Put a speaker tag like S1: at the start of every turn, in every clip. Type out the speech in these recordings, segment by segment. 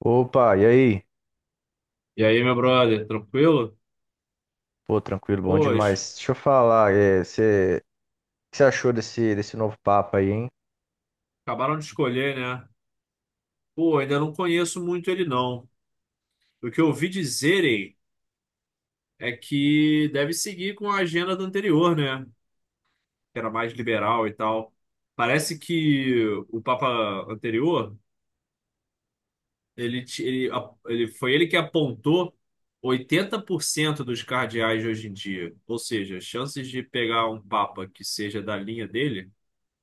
S1: Opa, e aí?
S2: E aí, meu brother, tranquilo?
S1: Pô, tranquilo, bom
S2: Pois,
S1: demais. Deixa eu falar, você, o que você achou desse novo Papa aí, hein?
S2: acabaram de escolher, né? Pô, ainda não conheço muito ele, não. O que eu ouvi dizerem é que deve seguir com a agenda do anterior, né? Que era mais liberal e tal. Parece que o Papa anterior, ele foi ele que apontou 80% dos cardeais de hoje em dia. Ou seja, as chances de pegar um Papa que seja da linha dele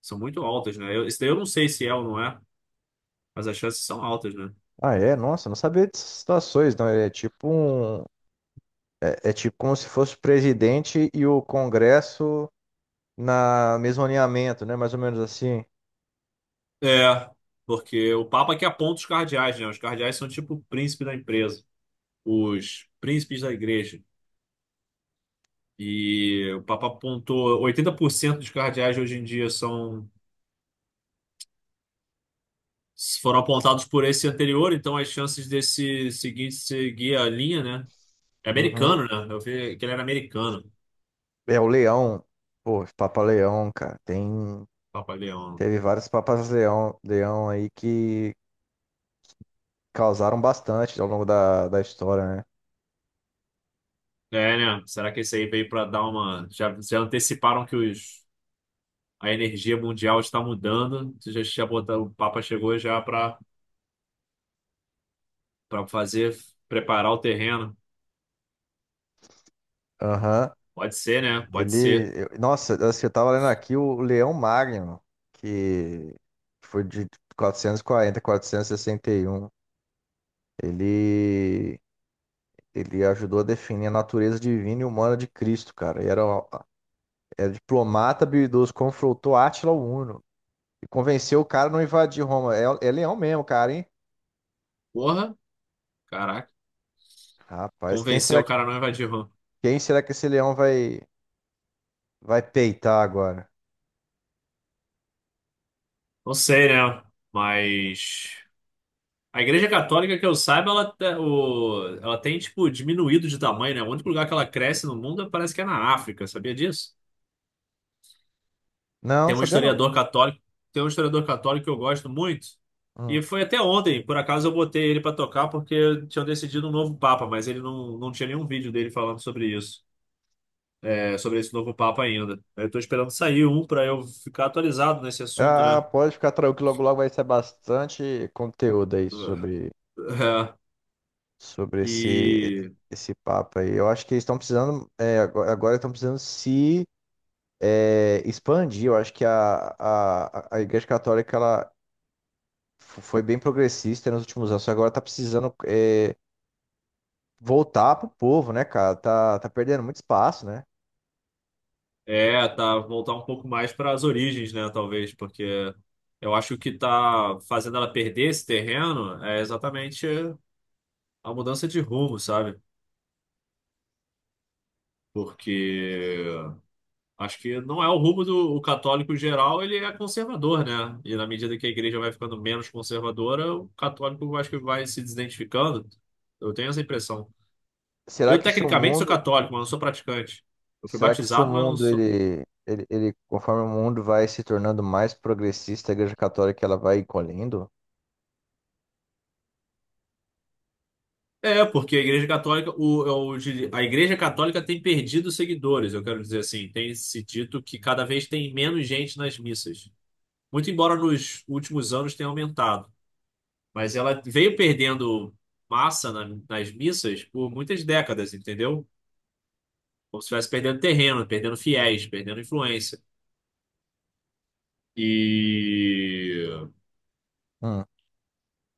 S2: são muito altas, né? Eu, isso daí eu não sei se é ou não é, mas as chances são altas, né?
S1: Ah, é? Nossa, não sabia dessas situações, não. Ele é tipo um, é tipo como se fosse o presidente e o Congresso na mesmo alinhamento, né? Mais ou menos assim.
S2: É, porque o Papa que aponta os cardeais, né? Os cardeais são tipo o príncipe da empresa, os príncipes da igreja. E o Papa apontou 80% dos cardeais hoje em dia são foram apontados por esse anterior, então as chances desse seguinte seguir a linha, né? É
S1: Uhum.
S2: americano, né? Eu vi que ele era americano.
S1: É o Leão, pô, Papa Leão, cara.
S2: Papa Leão.
S1: Teve vários Papas Leão, Leão aí que causaram bastante ao longo da história, né?
S2: É, né? Será que esse aí veio para dar uma. Já anteciparam que os... a energia mundial está mudando? Já botaram... O Papa chegou já para Pra fazer, preparar o terreno.
S1: Aham.
S2: Pode ser, né? Pode ser.
S1: Ele, nossa, assim, eu tava lendo aqui o Leão Magno, que foi de 440 a 461. Ele, ele ajudou a definir a natureza divina e humana de Cristo, cara. E era, era diplomata habilidoso, confrontou Átila o Uno e convenceu o cara a não invadir Roma. É, é leão mesmo, cara, hein?
S2: Porra, caraca.
S1: Rapaz,
S2: Convencer o cara a não invadir RAM.
S1: quem será que esse leão vai peitar agora?
S2: Não sei, né? Mas. A Igreja Católica, que eu saiba, ela, ela tem, tipo, diminuído de tamanho, né? O único lugar que ela cresce no mundo parece que é na África, sabia disso?
S1: Não,
S2: Tem um
S1: sabia não.
S2: historiador católico, tem um historiador católico que eu gosto muito.
S1: Hum.
S2: E foi até ontem, por acaso eu botei ele pra tocar porque tinham decidido um novo papa, mas ele não tinha nenhum vídeo dele falando sobre isso. Sobre esse novo Papa ainda. Eu tô esperando sair um para eu ficar atualizado nesse assunto,
S1: Ah,
S2: né?
S1: pode ficar tranquilo, que logo logo vai ser bastante conteúdo aí
S2: É,
S1: sobre
S2: e
S1: esse papo aí. Eu acho que eles estão precisando, agora estão precisando se expandir. Eu acho que a Igreja Católica ela foi bem progressista nos últimos anos, só agora tá precisando voltar pro povo, né, cara? Tá, tá perdendo muito espaço, né?
S2: tá, voltar um pouco mais para as origens, né? Talvez, porque eu acho que o que tá fazendo ela perder esse terreno é exatamente a mudança de rumo, sabe? Porque acho que não é o rumo do o católico em geral, ele é conservador, né? E na medida que a igreja vai ficando menos conservadora, o católico acho que vai se desidentificando. Eu tenho essa impressão.
S1: Será
S2: Eu,
S1: que se o
S2: tecnicamente, sou
S1: mundo,
S2: católico, mas não sou praticante. Eu fui
S1: Será que se o
S2: batizado, mas não
S1: mundo
S2: sou.
S1: conforme o mundo vai se tornando mais progressista, a Igreja Católica ela vai encolhendo?
S2: É, porque a Igreja Católica, eu diria, a Igreja Católica tem perdido seguidores, eu quero dizer assim. Tem se dito que cada vez tem menos gente nas missas. Muito embora nos últimos anos tenha aumentado. Mas ela veio perdendo massa nas missas por muitas décadas, entendeu? Como se estivesse perdendo terreno, perdendo fiéis, perdendo influência. E
S1: Hum.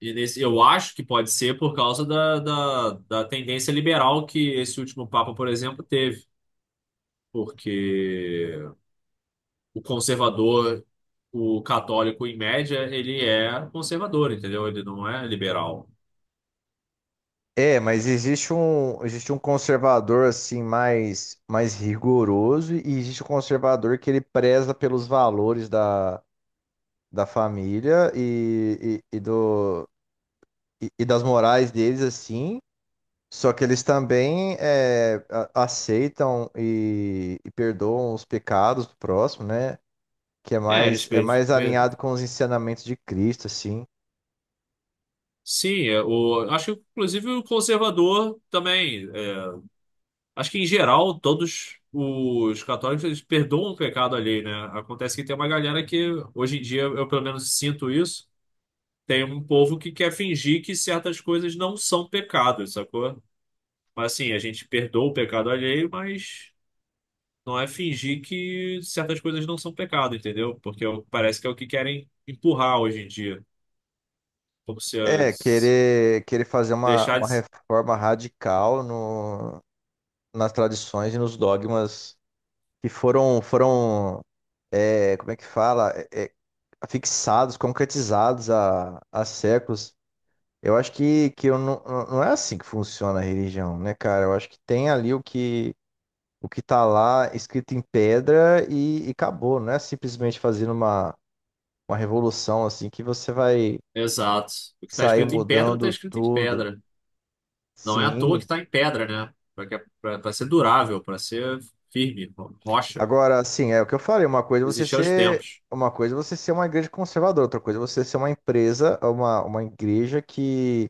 S2: E nesse, eu acho que pode ser por causa da tendência liberal que esse último Papa, por exemplo, teve. Porque o conservador, o católico, em média, ele é conservador, entendeu? Ele não é liberal.
S1: É, mas existe um conservador assim mais mais rigoroso e existe um conservador que ele preza pelos valores da família e do e das morais deles assim. Só que eles também aceitam e perdoam os pecados do próximo, né? Que
S2: É, eles.
S1: é mais alinhado
S2: eles-
S1: com os ensinamentos de Cristo, assim.
S2: Sim, acho que inclusive o conservador também. Acho que em geral, todos os católicos eles perdoam o pecado alheio, né? Acontece que tem uma galera que, hoje em dia, eu pelo menos sinto isso, tem um povo que quer fingir que certas coisas não são pecados, sacou? Mas assim, a gente perdoa o pecado alheio, mas não é fingir que certas coisas não são pecado, entendeu? Porque parece que é o que querem empurrar hoje em dia. Como se
S1: É,
S2: as,
S1: querer fazer
S2: deixar
S1: uma
S2: de.
S1: reforma radical no, nas tradições e nos dogmas que foram é, como é que fala É, é, fixados, concretizados há séculos. Eu acho que eu não é assim que funciona a religião, né, cara? Eu acho que tem ali o que tá lá escrito em pedra e acabou. Não é simplesmente fazendo uma revolução assim que você vai
S2: Exato. O que está
S1: sair
S2: escrito em pedra, está
S1: mudando
S2: escrito em
S1: tudo.
S2: pedra. Não é à toa
S1: Sim.
S2: que está em pedra, né? Para ser durável, para ser firme, rocha.
S1: Agora, assim, é o que eu falei,
S2: Existir aos tempos.
S1: uma coisa é você ser uma igreja conservadora, outra coisa é você ser uma empresa, uma igreja que,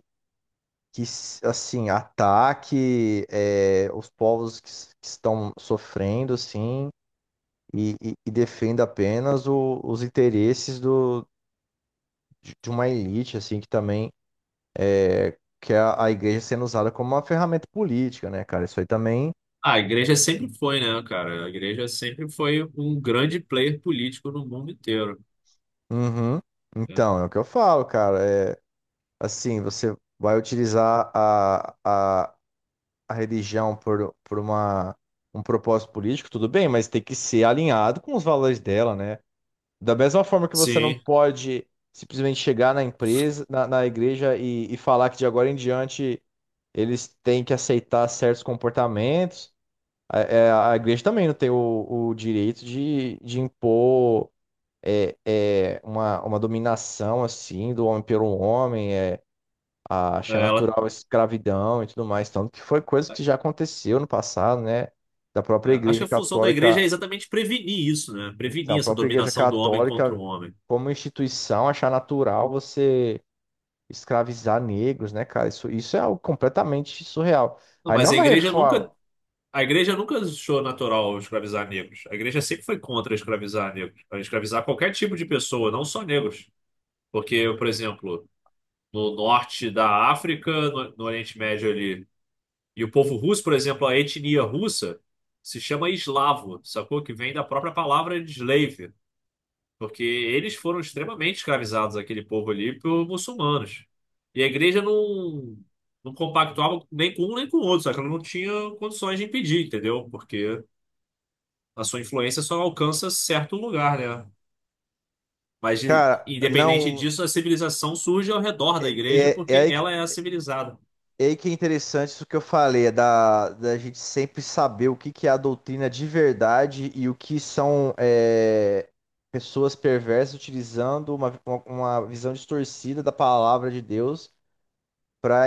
S1: que assim, ataque os povos que, que estão sofrendo, assim, e defenda apenas os interesses de uma elite, assim, que também que é a igreja sendo usada como uma ferramenta política, né, cara? Isso aí também.
S2: Ah, a igreja sempre foi, né, cara? A igreja sempre foi um grande player político no mundo inteiro.
S1: Uhum.
S2: Né?
S1: Então, é o que eu falo, cara. É assim, você vai utilizar a religião por uma, um propósito político, tudo bem, mas tem que ser alinhado com os valores dela, né? Da mesma forma que você não
S2: Sim,
S1: pode simplesmente chegar na empresa, na igreja e falar que de agora em diante eles têm que aceitar certos comportamentos. A igreja também não tem o direito de impor uma dominação assim do homem pelo homem,
S2: é,
S1: achar
S2: ela.
S1: natural a escravidão e tudo mais, tanto que foi coisa
S2: é,
S1: que já aconteceu no passado, né? Da própria
S2: Acho que
S1: Igreja
S2: a função da igreja é
S1: Católica,
S2: exatamente prevenir isso, né?
S1: então, a
S2: Prevenir essa
S1: própria Igreja
S2: dominação do homem contra o
S1: Católica
S2: homem.
S1: como instituição achar natural você escravizar negros, né, cara? Isso é algo completamente surreal.
S2: Não,
S1: Aí não
S2: mas
S1: é uma reforma,
S2: a igreja nunca achou natural escravizar negros. A igreja sempre foi contra escravizar negros, a escravizar qualquer tipo de pessoa, não só negros. Porque, por exemplo, no norte da África, no Oriente Médio ali. E o povo russo, por exemplo, a etnia russa se chama eslavo, sacou? Que vem da própria palavra slave, porque eles foram extremamente escravizados, aquele povo ali, por muçulmanos. E a igreja não compactuava nem com um nem com o outro, só que ela não tinha condições de impedir, entendeu? Porque a sua influência só alcança certo lugar, né? Mas, de-
S1: cara,
S2: independente
S1: não
S2: disso, a civilização surge ao redor da
S1: é,
S2: igreja
S1: é é
S2: porque
S1: aí que
S2: ela é a civilizada.
S1: e aí que é interessante isso que eu falei, é da gente sempre saber que é a doutrina de verdade e o que são pessoas perversas utilizando uma visão distorcida da palavra de Deus para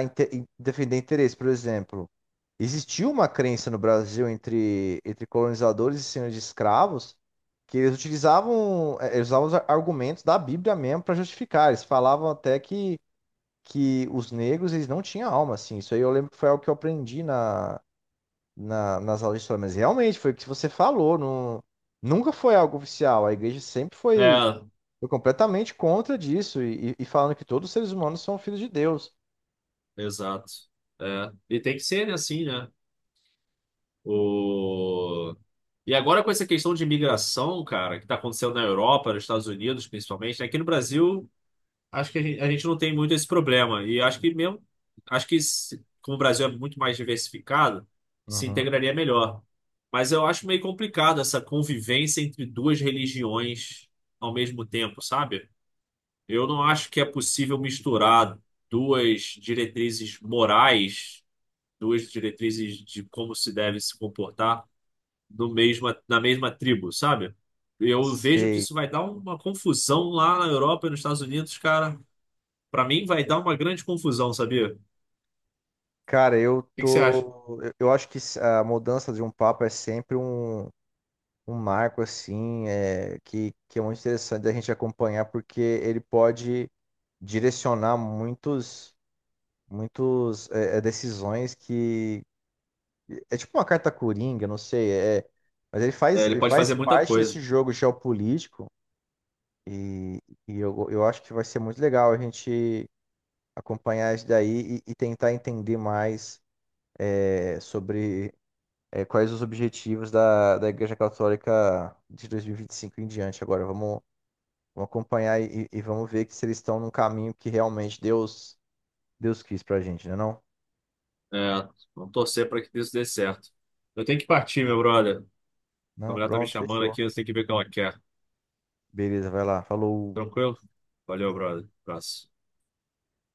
S1: defender interesse. Por exemplo, existiu uma crença no Brasil entre colonizadores e senhores de escravos que eles utilizavam, eles usavam os argumentos da Bíblia mesmo para justificar. Eles falavam até que os negros, eles não tinham alma, assim. Isso aí eu lembro que foi algo que eu aprendi nas aulas de história, mas realmente foi o que você falou, não, nunca foi algo oficial. A igreja sempre
S2: É,
S1: foi completamente contra disso e falando que todos os seres humanos são filhos de Deus.
S2: exato. É. E tem que ser né, assim, né? O... E agora com essa questão de imigração, cara, que está acontecendo na Europa, nos Estados Unidos, principalmente, né? Aqui no Brasil, acho que a gente não tem muito esse problema. E acho que mesmo, acho que se- como o Brasil é muito mais diversificado, se
S1: Uhum.
S2: integraria melhor. Mas eu acho meio complicado essa convivência entre duas religiões ao mesmo tempo, sabe? Eu não acho que é possível misturar duas diretrizes morais, duas diretrizes de como se deve se comportar da mesma tribo, sabe? Eu vejo que
S1: Sei.
S2: isso vai dar uma confusão lá na Europa e nos Estados Unidos, cara. Pra mim vai dar uma grande confusão, sabia? O
S1: Cara, eu
S2: que que você acha?
S1: tô. Eu acho que a mudança de um papa é sempre um, um marco, assim, que é muito interessante da gente acompanhar, porque ele pode direcionar muitos. Muitos decisões que é tipo uma carta coringa, não sei, é, mas
S2: É, ele
S1: ele
S2: pode
S1: faz
S2: fazer muita
S1: parte desse
S2: coisa.
S1: jogo geopolítico e, e eu acho que vai ser muito legal a gente acompanhar isso daí e tentar entender mais sobre quais os objetivos da Igreja Católica de 2025 em diante. Agora vamos acompanhar e vamos ver que se eles estão num caminho que realmente Deus quis pra gente, né não?
S2: É, vamos torcer para que isso dê certo. Eu tenho que partir, meu brother. A
S1: Não,
S2: mulher tá me
S1: pronto,
S2: chamando
S1: fechou.
S2: aqui, eu tenho que ver o que ela quer.
S1: Beleza, vai lá. Falou.
S2: Tranquilo? Valeu, brother. Abraço.